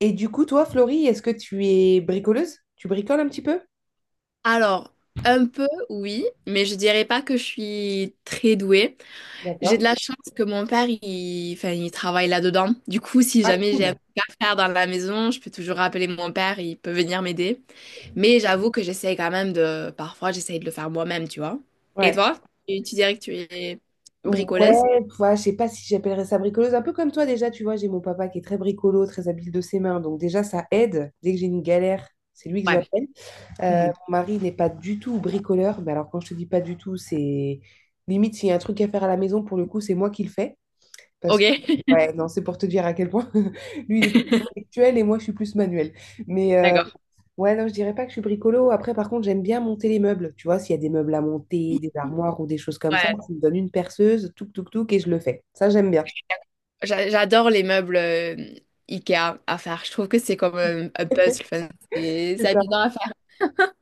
Et du coup, toi, Florie, est-ce que tu es bricoleuse? Tu bricoles un petit peu? Alors, un peu, oui, mais je dirais pas que je suis très douée. J'ai D'accord. de la chance que mon père, enfin, il travaille là-dedans. Du coup, si Ah, jamais j'ai un cool. truc à faire dans la maison, je peux toujours appeler mon père, il peut venir m'aider. Mais j'avoue que j'essaye quand même. Parfois, j'essaye de le faire moi-même, tu vois. Et Ouais. toi? Tu dirais que tu es Ouais, bricoleuse? tu vois, je sais pas si j'appellerais ça bricoleuse. Un peu comme toi, déjà, tu vois, j'ai mon papa qui est très bricolo, très habile de ses mains. Donc, déjà, ça aide. Dès que j'ai une galère, c'est lui que Ouais. j'appelle. Mhm. Mon mari n'est pas du tout bricoleur. Mais alors, quand je te dis pas du tout, c'est limite s'il y a un truc à faire à la maison, pour le coup, c'est moi qui le fais. Parce Ok. que, ouais, non, c'est pour te dire à quel point lui, il est plus intellectuel et moi, je suis plus manuel. Mais, euh, D'accord. Ouais, non, je dirais pas que je suis bricolo. Après, par contre, j'aime bien monter les meubles. Tu vois, s'il y a des meubles à monter, des armoires ou des choses comme ça, Ouais. tu me donnes une perceuse, touc, touc, touc, et je le fais. Ça, j'aime bien. J'adore les meubles IKEA à faire. Je trouve que c'est comme un puzzle. Enfin, c'est C'est c'est ça. amusant à faire.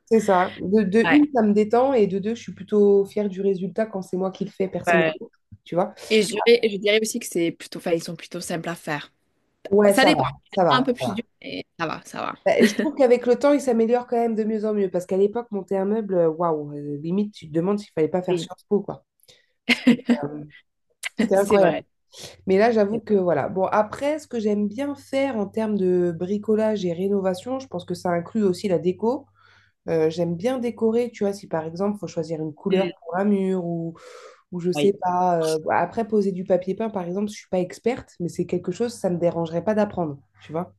C'est ça. De une, ça me détend, et de deux, je suis plutôt fière du résultat quand c'est moi qui le fais Ouais. personnellement. Tu vois? Et je dirais aussi que c'est plutôt, enfin, ils sont plutôt simples à faire. Ouais, Ça ça dépend. va, Il ça y en a un va, peu ça plus va. dur, mais ça va, ça va. Bah, je trouve qu'avec le temps, il s'améliore quand même de mieux en mieux. Parce qu'à l'époque, monter un meuble, waouh, limite, tu te demandes s'il fallait pas faire Oui, Sciences Po, quoi. C'était euh, c'était c'est incroyable. vrai. Mais là, j'avoue que voilà. Bon, après, ce que j'aime bien faire en termes de bricolage et rénovation, je pense que ça inclut aussi la déco. J'aime bien décorer, tu vois, si par exemple, faut choisir une couleur Mm. pour un mur ou je sais Oui. pas. Après, poser du papier peint, par exemple, je suis pas experte, mais c'est quelque chose, ça me dérangerait pas d'apprendre, tu vois.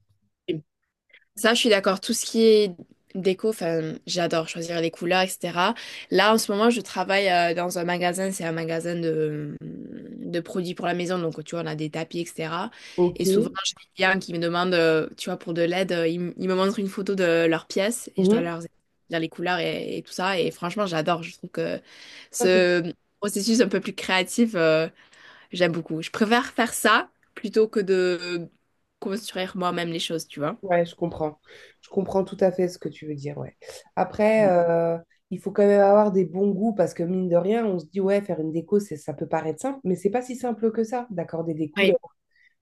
Ça, je suis d'accord. Tout ce qui est déco, enfin, j'adore choisir les couleurs, etc. Là, en ce moment, je travaille dans un magasin. C'est un magasin de produits pour la maison. Donc, tu vois, on a des tapis, etc. Ok. Et souvent, j'ai des clients qui me demandent, tu vois, pour de l'aide, ils me montrent une photo de leur pièce et je dois Mhm. leur dire les couleurs et tout ça. Et franchement, j'adore. Je trouve que Ça, c'est ce processus un peu plus créatif, j'aime beaucoup. Je préfère faire ça plutôt que de construire moi-même les choses, tu vois. ouais, je comprends. Je comprends tout à fait ce que tu veux dire, ouais. Après, euh, il faut quand même avoir des bons goûts parce que mine de rien, on se dit, ouais, faire une déco, ça peut paraître simple, mais c'est pas si simple que ça, d'accorder des Oui. couleurs,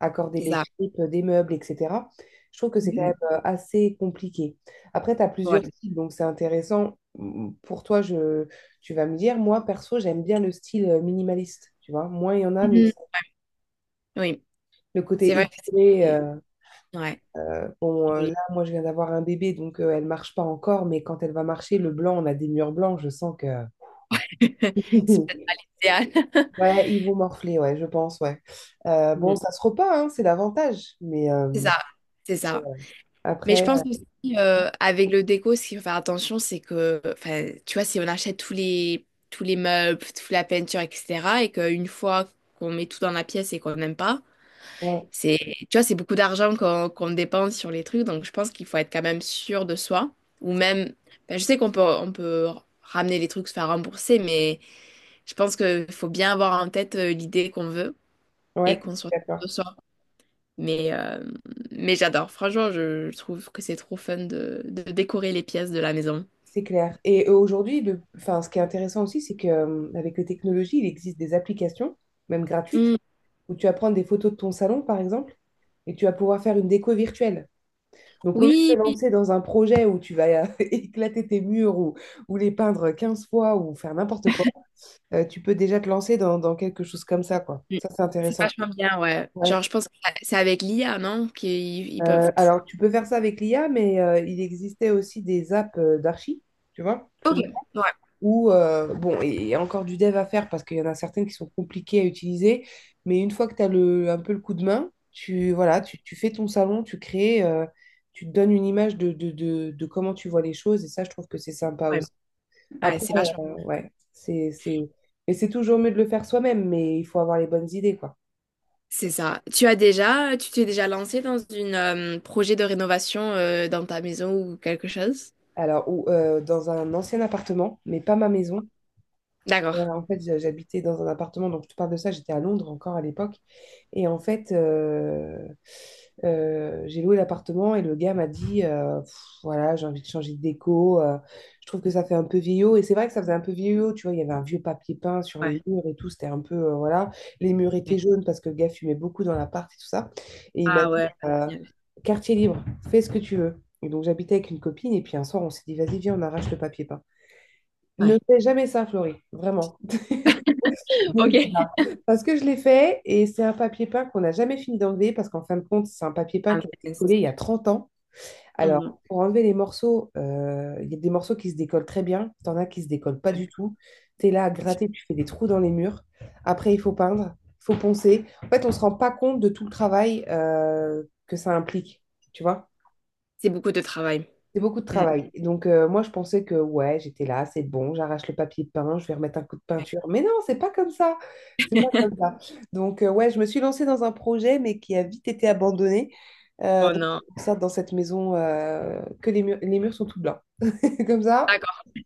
accorder C'est les ça. shapes des meubles, etc. Je trouve que c'est quand même Mhm. Assez compliqué. Après, tu as plusieurs Ouais. styles, donc c'est intéressant. Mm, pour tu vas me dire, moi, perso, j'aime bien le style minimaliste, tu vois. Moins il y en a, mieux Mhm. c'est. Oui, Le c'est côté vrai que épuré, c'est ouais, joli. là, moi, je viens d'avoir un bébé, donc elle marche pas encore, mais quand elle va marcher, le blanc, on a des murs blancs, je sens que... C'est peut-être pas l'idéal. Ouais, ils vont morfler, ouais, je pense, ouais. Bon, Mm. ça se repeint, hein, c'est l'avantage, C'est ça, c'est ça. Mais je après, pense euh, aussi, avec le déco, ce qu'il faut faire attention, c'est que, enfin, tu vois, si on achète tous les meubles, toute la peinture, etc., et qu'une fois qu'on met tout dans la pièce et qu'on n'aime pas, ouais, c'est, tu vois, c'est beaucoup d'argent qu'on dépense sur les trucs, donc je pense qu'il faut être quand même sûr de soi. Ou même, enfin, je sais qu'on peut ramener les trucs, se faire rembourser, mais je pense qu'il faut bien avoir en tête l'idée qu'on veut et ouais, qu'on je suis soit sûr d'accord, de soi. Mais, euh, mais j'adore. Franchement, je trouve que c'est trop fun de décorer les pièces de la maison. c'est clair. Aujourd'hui, le... enfin, ce qui est intéressant aussi, c'est que avec les technologies, il existe des applications, même gratuites, Mm. où tu vas prendre des photos de ton salon, par exemple, et tu vas pouvoir faire une déco virtuelle. Donc, au lieu de Oui, te oui. lancer dans un projet où tu vas éclater tes murs ou les peindre 15 fois ou faire n'importe quoi, tu peux déjà te lancer dans quelque chose comme ça, quoi. Mm. Ça, c'est C'est intéressant. vachement bien, ouais. Ouais. Genre, je pense que c'est avec l'IA, non? Qu'ils peuvent tout. Alors, tu peux faire ça avec l'IA, mais il existait aussi des apps d'archi, tu vois, Ok, plus ou ouais, Ou, bon, et- il y a encore du dev à faire parce qu'il y en a certaines qui sont compliquées à utiliser, mais une fois que un peu le coup de main, voilà, tu fais ton salon, tu crées, tu te donnes une image de comment tu vois les choses, et ça, je trouve que c'est sympa ouais. aussi. Ouais, Après, c'est vachement. Ouais, c'est... Mais c'est toujours mieux de le faire soi-même, mais il faut avoir les bonnes idées, quoi. C'est ça. Tu t'es déjà lancé dans une projet de rénovation dans ta maison ou quelque chose? Alors, ou, dans un ancien appartement, mais pas ma maison. D'accord. Voilà, en fait, j'habitais dans un appartement, donc je te parle de ça, j'étais à Londres encore à l'époque. Et en fait, euh, j'ai loué l'appartement et le gars m'a dit, Pff, voilà, j'ai envie de changer de déco, je trouve que ça fait un peu vieillot. Et c'est vrai que ça faisait un peu vieillot, tu vois, il y avait un vieux papier peint sur les Ouais. murs et tout, c'était un peu, voilà, les murs étaient Ouais. jaunes parce que le gars fumait beaucoup dans l'appart et tout ça. Et il m'a Ah dit, ouais. Génial. quartier libre, fais ce que tu veux. Et donc j'habitais avec une copine et puis un soir, on s'est dit, vas-y, viens, on arrache le papier peint. Ne Ouais. fais jamais ça, Florie, vraiment. Ok. Parce que je l'ai fait et c'est un papier peint qu'on n'a jamais fini d'enlever parce qu'en fin de compte, c'est un papier peint Ah, qui a été mince. collé il y a 30 ans. Mmh. Alors, pour enlever les morceaux, il y a des morceaux qui se décollent très bien, t'en as qui se décollent pas Ouais. du tout. Tu es là à gratter, tu fais des trous dans les murs. Après, il faut peindre, il faut poncer. En fait, on se rend pas compte de tout le travail que ça implique, tu vois? C'est beaucoup de travail. C'est beaucoup de Mm. travail. Moi, je pensais que, ouais, j'étais là, c'est bon, j'arrache le papier peint, je vais remettre un coup de Ouais. peinture. Mais non, c'est pas comme ça. C'est pas comme ça. Ouais, je me suis lancée dans un projet, mais qui a vite été abandonné. Euh, Oh donc, non. c'est pour ça, dans cette maison, que les murs sont tout blancs. Comme ça, D'accord.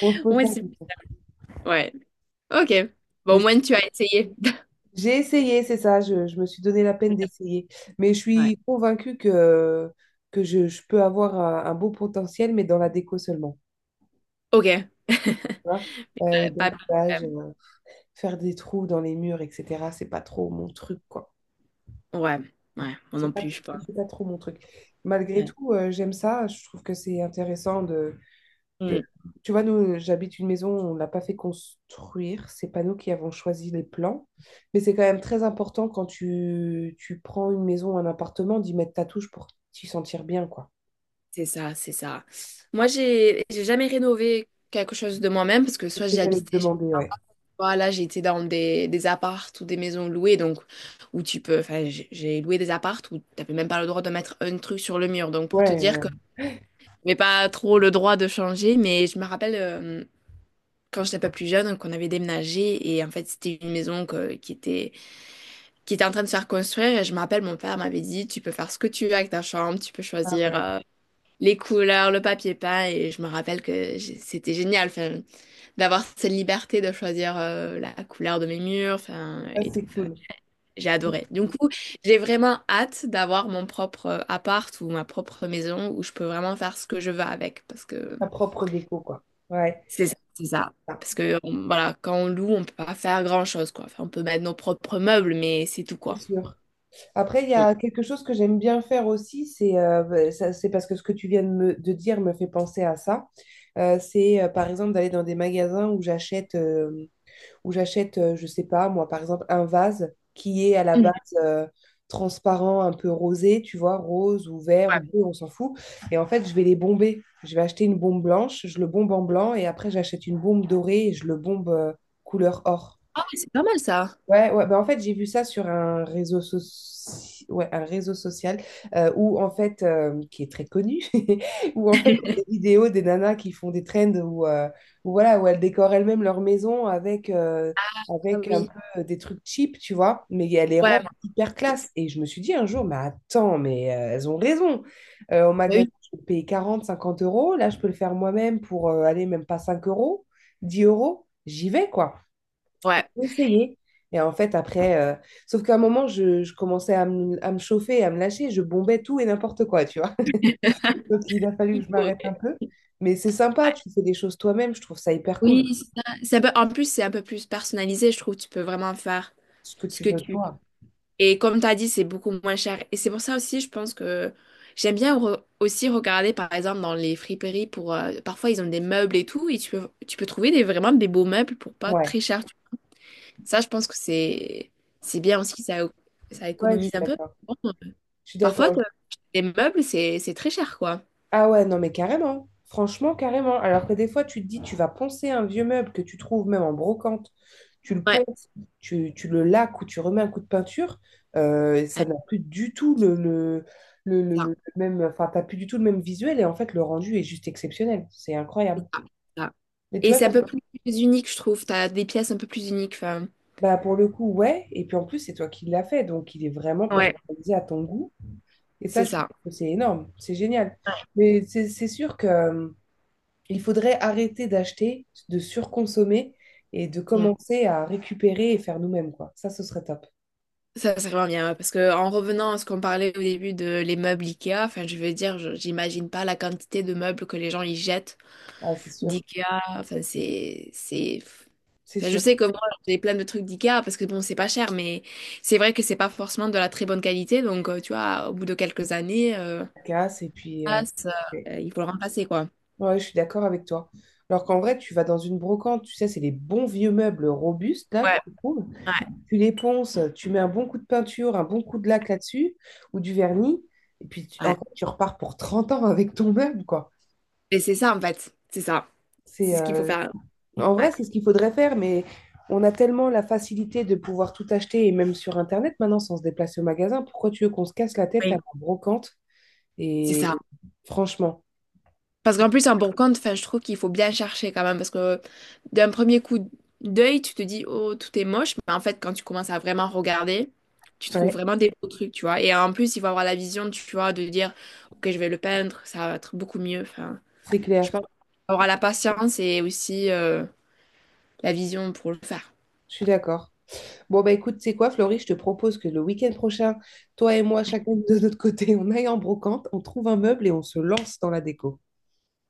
on se pose Ouais, pas la c'est... question. Ouais. OK. Bon, au Mais moins, tu as essayé. j'ai essayé, c'est ça, je me suis donné la peine d'essayer. Mais je Ouais. suis convaincue que je peux avoir un beau potentiel, mais dans la déco seulement. OK. Tu vois Pas... euh, bricolage, faire des trous dans les murs, etc. C'est pas trop mon truc, quoi. Ouais. Ouais. Moi non C'est pas, plus, je pense. c'est pas trop mon truc. Malgré Ouais. tout, j'aime ça. Je trouve que c'est intéressant de Mm. tu vois, nous, j'habite une maison, on l'a pas fait construire. C'est pas nous qui avons choisi les plans. Mais c'est quand même très important quand tu prends une maison, un appartement, d'y mettre ta touche pour t'y sentir bien, quoi. C'est ça, c'est ça. Moi, j'ai jamais rénové quelque chose de moi-même parce que C'est soit ce j'y que j'allais te habitais chez mes demander, ouais. parents, là, j'étais dans des apparts ou des maisons louées, donc où tu peux. Enfin, j'ai loué des apparts où t'avais même pas le droit de mettre un truc sur le mur. Donc, pour te Ouais, dire ouais. que j'avais pas trop le droit de changer, mais je me rappelle, quand j'étais pas plus jeune, qu'on avait déménagé et en fait c'était une maison qui était en train de se faire construire et je me rappelle mon père m'avait dit tu peux faire ce que tu veux avec ta chambre, tu peux Ah choisir ouais. Les couleurs, le papier peint et je me rappelle que c'était génial enfin, d'avoir cette liberté de choisir la couleur de mes murs enfin, Ça, et tout. c'est Enfin, cool. j'ai adoré. Du coup, j'ai vraiment hâte d'avoir mon propre appart ou ma propre maison où je peux vraiment faire ce que je veux avec parce que Ta propre déco, quoi. Ouais, c'est ça, c'est ça. ça, Parce que voilà, quand on loue, on peut pas faire grand-chose, quoi. Enfin, on peut mettre nos propres meubles, mais c'est tout, c'est quoi. sûr. Après, il y Mm. a quelque chose que j'aime bien faire aussi, c'est bah, c'est parce que ce que tu viens de dire me fait penser à ça. C'est Par exemple d'aller dans des magasins où j'achète, je sais pas, moi par exemple, un vase qui est à la base Mhm. euh, transparent, un peu rosé, tu vois, rose ou vert ou Ouais. bleu, on s'en fout. Et en fait, je vais les bomber. Je vais acheter une bombe blanche, je le bombe en blanc et après, j'achète une bombe dorée et je le bombe couleur or. Ah ouais, c'est pas mal ça. Ouais, ouais, bah en fait, j'ai vu ça sur un ouais, un réseau social où, en fait, qui est très connu, où, en fait, des vidéos des nanas qui font des trends où, voilà, où elles décorent elles-mêmes leur maison Ah avec un oui. peu des trucs cheap, tu vois, mais elles les Ouais, rendent bah hyper classe. Et je me suis dit un jour, mais attends, elles ont raison. Au magasin, oui. je peux payer 40, 50 euros. Là, je peux le faire moi-même pour aller même pas 5 euros, 10 euros. J'y vais, quoi. J'ai Ouais. essayé. Et en fait, après, euh, Sauf qu'à un moment, je commençais à à me chauffer, à me lâcher, je bombais tout et n'importe quoi, tu vois. Donc, il a fallu Il que je m'arrête un peu. Mais c'est sympa, tu fais des choses toi-même, je trouve ça hyper cool, Oui, c'est ça. Oui, en plus, c'est un peu plus personnalisé, je trouve. Tu peux vraiment faire ce que ce tu que veux tu veux. toi. Et comme tu as dit, c'est beaucoup moins cher. Et c'est pour ça aussi, je pense que j'aime bien aussi regarder, par exemple, dans les friperies Parfois, ils ont des meubles et tout, et tu peux trouver vraiment des beaux meubles pour pas Ouais, très cher. Ça, je pense que c'est bien aussi, ça ouais, je économise suis un peu. d'accord. Bon, Je suis parfois, d'accord. Les meubles, c'est très cher, quoi. Ah ouais, non, mais carrément. Franchement, carrément. Alors que des fois, tu te dis, tu vas poncer un vieux meuble que tu trouves même en brocante, tu le Ouais, ponces, tu le laques ou tu remets un coup de peinture, ça euh, n'a plus du tout ça, le même, enfin, t'as plus du tout le même visuel et en fait, le rendu est juste exceptionnel. C'est c'est incroyable. ça, c'est ça. Mais tu Et vois, c'est un peu plus unique, je trouve. T'as des pièces un peu plus uniques. Enfin, bah, pour le coup, ouais. Et puis en plus, c'est toi qui l'as fait, donc il est vraiment ouais, personnalisé à ton goût. Et ça, c'est je trouve ça. que c'est énorme. C'est génial. Mais c'est sûr que il faudrait arrêter d'acheter, de surconsommer et de Mm. commencer à récupérer et faire nous-mêmes, quoi. Ça, ce serait top. Ça, c'est vraiment bien. Ouais, parce que en revenant à ce qu'on parlait au début de les meubles Ikea, enfin, je veux dire, j'imagine pas la quantité de meubles que les gens y jettent Ah, c'est sûr. d'Ikea. Enfin, c'est C'est Enfin, je sûr. sais que moi, j'ai plein de trucs d'IKEA parce que bon, c'est pas cher, mais c'est vrai que c'est pas forcément de la très bonne qualité. Donc, tu vois, au bout de quelques années, Ça casse et puis... ah, ça, ouais, il faut le remplacer, quoi. ouais, je suis d'accord avec toi. Alors qu'en vrai, tu vas dans une brocante, tu sais, c'est les bons vieux meubles robustes, là, que Ouais, tu trouves. ouais, Tu les ponces, tu mets un bon coup de peinture, un bon coup de laque là-dessus, ou du vernis, et puis, en ouais. fait, tu repars pour 30 ans avec ton meuble, quoi. Et c'est ça, en fait. C'est ça. C'est C'est ce qu'il faut faire. En vrai, Ouais, c'est ce qu'il faudrait faire, mais on a tellement la facilité de pouvoir tout acheter, et même sur Internet maintenant, sans se déplacer au magasin. Pourquoi tu veux qu'on se casse la tête à oui. la brocante? C'est Et ça. franchement, Parce qu'en plus, un bon compte, enfin, je trouve qu'il faut bien chercher quand même. Parce que d'un premier coup d'œil, tu te dis, oh, tout est moche. Mais en fait, quand tu commences à vraiment regarder, tu trouves ouais, vraiment des beaux trucs, tu vois. Et en plus, il faut avoir la vision, tu vois, de dire, ok, je vais le peindre, ça va être beaucoup mieux. Enfin, c'est je clair, pense qu'il faut avoir la patience et aussi la vision pour le faire. je suis d'accord. Bon, bah écoute, c'est quoi, Florie, je te propose que le week-end prochain, toi et moi, chacun de notre côté, on aille en brocante, on trouve un meuble et on se lance dans la déco.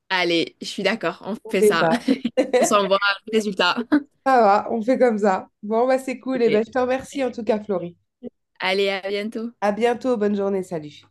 Allez, je suis d'accord, on On fait fait ça. ça. On s'envoie le résultat. Ça va, on fait comme ça. Bon, bah c'est cool, et Ok. ben je te remercie en tout cas, Florie. Allez, à bientôt. À bientôt, bonne journée, salut.